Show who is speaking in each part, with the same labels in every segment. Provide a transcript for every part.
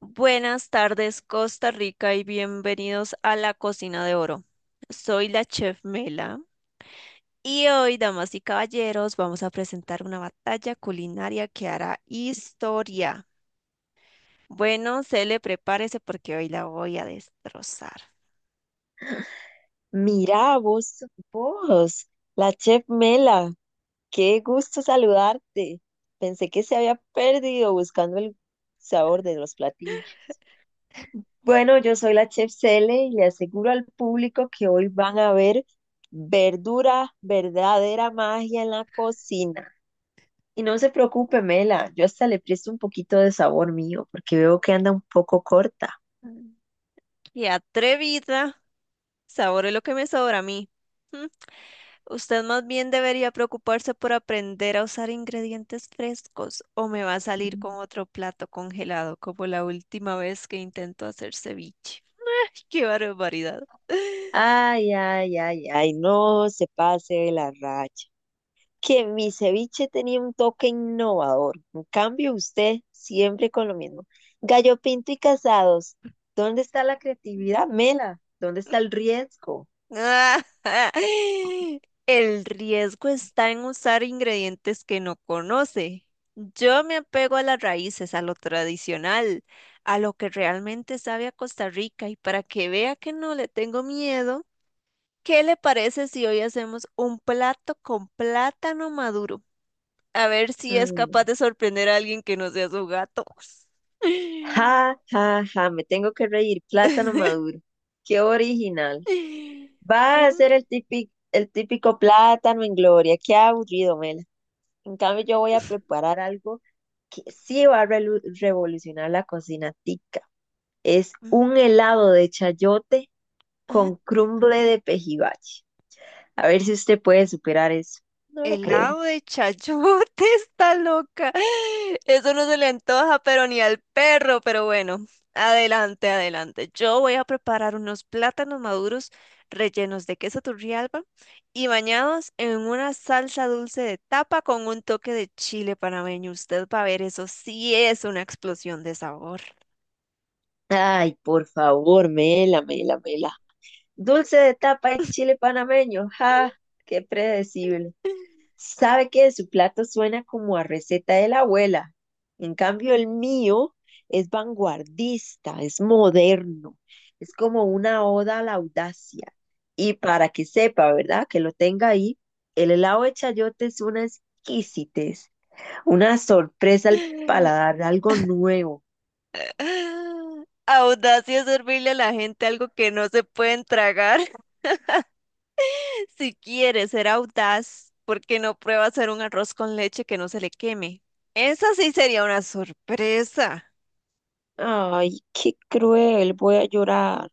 Speaker 1: Buenas tardes, Costa Rica, y bienvenidos a la Cocina de Oro. Soy la chef Mela y hoy, damas y caballeros, vamos a presentar una batalla culinaria que hará historia. Bueno, se le prepárese porque hoy la voy a destrozar.
Speaker 2: Mirá, vos, vos, la chef Mela, qué gusto saludarte. Pensé que se había perdido buscando el sabor de los platillos. Bueno, yo soy la chef Cele y le aseguro al público que hoy van a ver verdadera magia en la cocina. Y no se preocupe, Mela, yo hasta le presto un poquito de sabor mío porque veo que anda un poco corta.
Speaker 1: Mm. ¡Qué atrevida! Sabore lo que me sobra a mí. Usted más bien debería preocuparse por aprender a usar ingredientes frescos o me va a salir con otro plato congelado como la última vez que intentó hacer ceviche. ¡Qué barbaridad!
Speaker 2: Ay, ay, ay, ay, no se pase de la raya, que mi ceviche tenía un toque innovador. En cambio, usted siempre con lo mismo. Gallo Pinto y Casados, ¿dónde está la creatividad, Mela? ¿Dónde está el riesgo?
Speaker 1: El riesgo está en usar ingredientes que no conoce. Yo me apego a las raíces, a lo tradicional, a lo que realmente sabe a Costa Rica y para que vea que no le tengo miedo. ¿Qué le parece si hoy hacemos un plato con plátano maduro? A ver si es capaz
Speaker 2: Mm,
Speaker 1: de sorprender a alguien que no sea su gato.
Speaker 2: Ja, ja, ja, me tengo que reír. Plátano maduro. Qué original. Va a
Speaker 1: Ah,
Speaker 2: ser el típico plátano en gloria. Qué aburrido, Mela. En cambio, yo voy a preparar algo que sí va a revolucionar la cocina tica. Es un helado de chayote
Speaker 1: mm,
Speaker 2: con crumble de pejibache. A ver si usted puede superar eso. No lo
Speaker 1: Helado
Speaker 2: creo.
Speaker 1: de chayote está loca. Eso no se le antoja, pero ni al perro, pero bueno, adelante, adelante. Yo voy a preparar unos plátanos maduros rellenos de queso turrialba y bañados en una salsa dulce de tapa con un toque de chile panameño. Usted va a ver, eso sí es una explosión de sabor.
Speaker 2: Ay, por favor, mela. Dulce de tapa y chile panameño. ¡Ja! ¡Qué predecible! Sabe que de su plato suena como a receta de la abuela. En cambio, el mío es vanguardista, es moderno, es como una oda a la audacia. Y para que sepa, ¿verdad? Que lo tenga ahí, el helado de chayote es una exquisitez. Una sorpresa al paladar, algo nuevo.
Speaker 1: Audacia es servirle a la gente algo que no se pueden tragar. Si quieres ser audaz, ¿por qué no prueba hacer un arroz con leche que no se le queme? Esa sí sería una sorpresa.
Speaker 2: Ay, qué cruel, voy a llorar.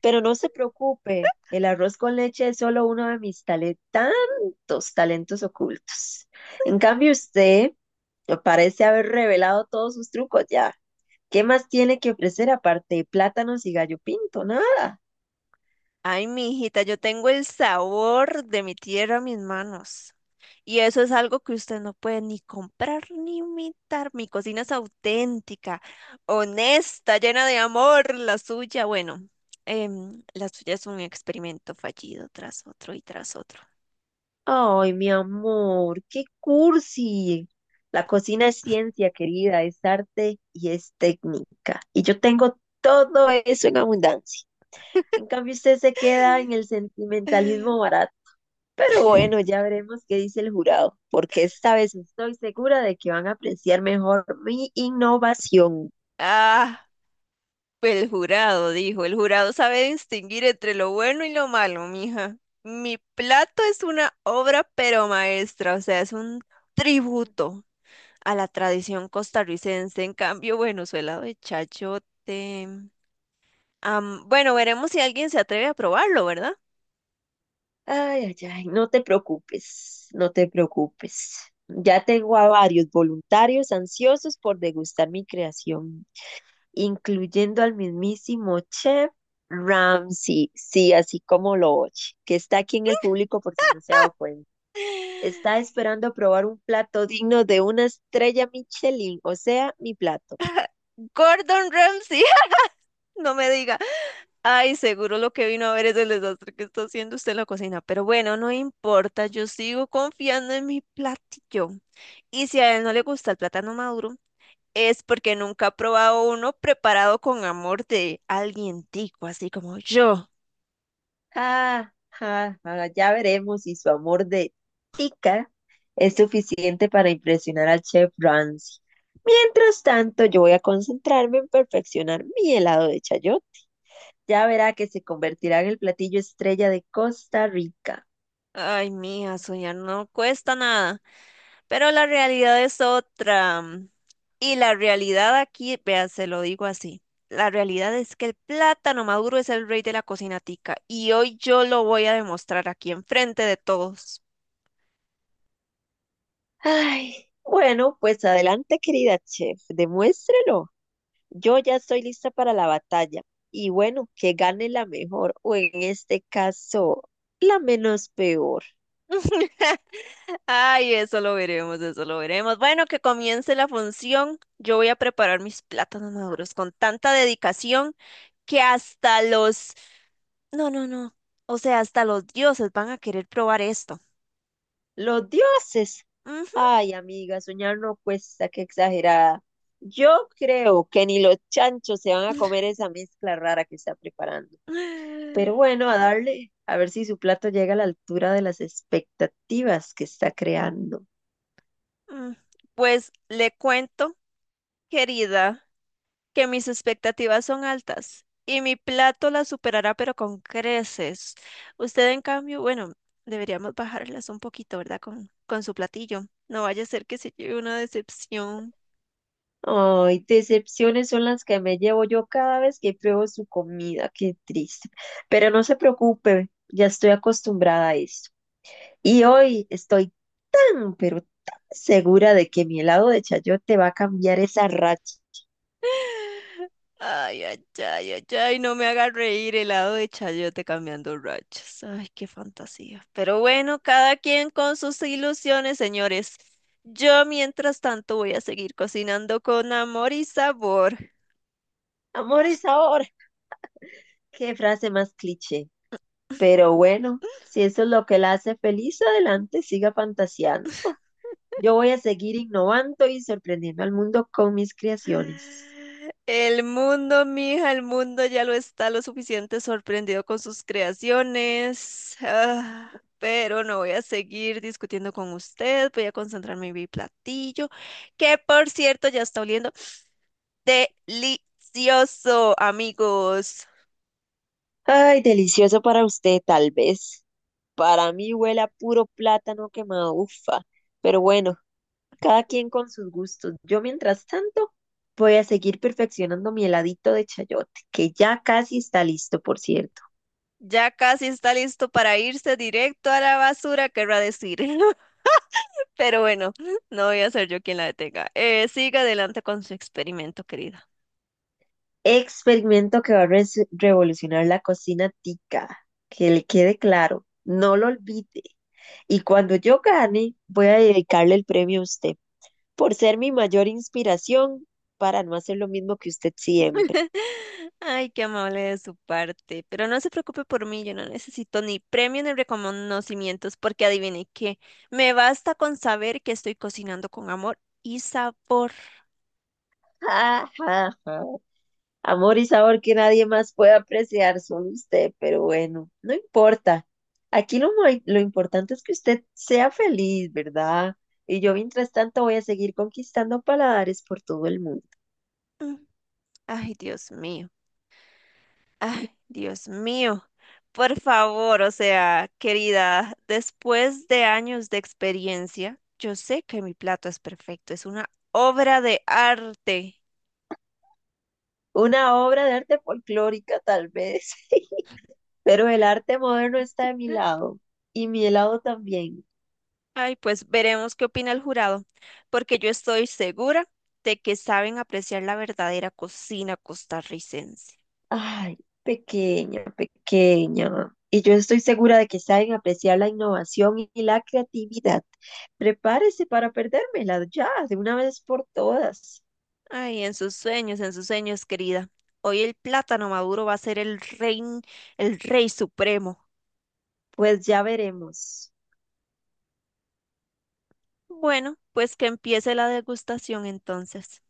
Speaker 2: Pero no se preocupe, el arroz con leche es solo uno de mis tantos talentos ocultos. En cambio, usted parece haber revelado todos sus trucos ya. ¿Qué más tiene que ofrecer aparte de plátanos y gallo pinto? Nada.
Speaker 1: Ay, mi hijita, yo tengo el sabor de mi tierra en mis manos. Y eso es algo que usted no puede ni comprar ni imitar. Mi cocina es auténtica, honesta, llena de amor. La suya, bueno, la suya es un experimento fallido tras otro y tras otro.
Speaker 2: Ay, mi amor, qué cursi. La cocina es ciencia, querida, es arte y es técnica. Y yo tengo todo eso en abundancia. En cambio, usted se queda en el sentimentalismo barato. Pero bueno, ya veremos qué dice el jurado, porque esta vez estoy segura de que van a apreciar mejor mi innovación.
Speaker 1: Ah. Pues, el jurado sabe distinguir entre lo bueno y lo malo, mija. Mi plato es una obra pero maestra, o sea, es un tributo a la tradición costarricense. En cambio, bueno, suela de chayote. Bueno, veremos si alguien se atreve a probarlo, ¿verdad?
Speaker 2: Ay, ay, ay, no te preocupes, no te preocupes. Ya tengo a varios voluntarios ansiosos por degustar mi creación, incluyendo al mismísimo chef Ramsay, sí, así como lo oye, que está aquí en el público por si no se ha dado cuenta. Está esperando probar un plato digno de una estrella Michelin, o sea, mi plato.
Speaker 1: Gordon Ramsay, no me diga. Ay, seguro lo que vino a ver es el desastre que está haciendo usted en la cocina. Pero bueno, no importa, yo sigo confiando en mi platillo. Y si a él no le gusta el plátano maduro, es porque nunca ha probado uno preparado con amor de alguien tico, así como yo.
Speaker 2: Ah, ya veremos si su amor de tica es suficiente para impresionar al chef Ramsay. Mientras tanto, yo voy a concentrarme en perfeccionar mi helado de chayote. Ya verá que se convertirá en el platillo estrella de Costa Rica.
Speaker 1: Ay, mija, soñar no cuesta nada, pero la realidad es otra. Y la realidad aquí, vea, se lo digo así. La realidad es que el plátano maduro es el rey de la cocina tica y hoy yo lo voy a demostrar aquí enfrente de todos.
Speaker 2: Ay, bueno, pues adelante, querida chef, demuéstrelo. Yo ya estoy lista para la batalla. Y bueno, que gane la mejor, o en este caso, la menos peor.
Speaker 1: Ay, eso lo veremos, eso lo veremos. Bueno, que comience la función. Yo voy a preparar mis plátanos maduros con tanta dedicación que No, no, no. O sea, hasta los dioses van a querer probar esto.
Speaker 2: Los dioses.
Speaker 1: Ujú.
Speaker 2: Ay, amiga, soñar no cuesta, qué exagerada. Yo creo que ni los chanchos se van a comer esa mezcla rara que está preparando. Pero bueno, a darle, a ver si su plato llega a la altura de las expectativas que está creando.
Speaker 1: Mm, Pues le cuento, querida. Que mis expectativas son altas y mi plato las superará, pero con creces. Usted, en cambio, bueno, deberíamos bajarlas un poquito, ¿verdad? Con su platillo. No vaya a ser que se lleve una decepción.
Speaker 2: Ay, decepciones son las que me llevo yo cada vez que pruebo su comida, qué triste. Pero no se preocupe, ya estoy acostumbrada a esto. Y hoy estoy tan, pero tan segura de que mi helado de chayote va a cambiar esa racha.
Speaker 1: Ay, ay, ay, ay, ay, no me haga reír helado de chayote cambiando rachas. Ay, qué fantasía. Pero bueno, cada quien con sus ilusiones, señores. Yo, mientras tanto, voy a seguir cocinando con amor y sabor.
Speaker 2: Amor y sabor, qué frase más cliché. Pero bueno, si eso es lo que la hace feliz, adelante, siga fantaseando. Yo voy a seguir innovando y sorprendiendo al mundo con mis creaciones.
Speaker 1: El mundo, mija, el mundo ya lo está lo suficiente sorprendido con sus creaciones. Pero no voy a seguir discutiendo con usted. Voy a concentrarme en mi platillo, que por cierto ya está oliendo delicioso, amigos.
Speaker 2: Ay, delicioso para usted, tal vez. Para mí huele a puro plátano quemado, ufa. Pero bueno, cada quien con sus gustos. Yo, mientras tanto, voy a seguir perfeccionando mi heladito de chayote, que ya casi está listo, por cierto.
Speaker 1: Ya casi está listo para irse directo a la basura, querrá decir. Pero bueno, no voy a ser yo quien la detenga. Siga adelante con su experimento, querida.
Speaker 2: Experimento que va a revolucionar la cocina tica. Que le quede claro, no lo olvide. Y cuando yo gane, voy a dedicarle el premio a usted, por ser mi mayor inspiración para no hacer lo mismo que usted siempre.
Speaker 1: Ay, qué amable de su parte. Pero no se preocupe por mí, yo no necesito ni premio ni reconocimientos, porque adivine qué, me basta con saber que estoy cocinando con amor y sabor.
Speaker 2: Ja, ja, ja. Amor y sabor que nadie más puede apreciar, solo usted, pero bueno, no importa. Aquí lo importante es que usted sea feliz, ¿verdad? Y yo mientras tanto voy a seguir conquistando paladares por todo el mundo.
Speaker 1: Mm, Ay, Dios mío. Ay, Dios mío. Por favor, o sea, querida, después de años de experiencia, yo sé que mi plato es perfecto, es una obra de arte.
Speaker 2: Una obra de arte folclórica, tal vez, pero el arte moderno está de mi lado y mi helado también.
Speaker 1: Ay, pues veremos qué opina el jurado, porque yo estoy segura de que saben apreciar la verdadera cocina costarricense.
Speaker 2: Ay, pequeña, pequeña. Y yo estoy segura de que saben apreciar la innovación y la creatividad. Prepárese para perdérmela ya, de una vez por todas.
Speaker 1: Ay, en sus sueños, querida. Hoy el plátano maduro va a ser el rey supremo.
Speaker 2: Pues ya veremos.
Speaker 1: Bueno, pues que empiece la degustación entonces.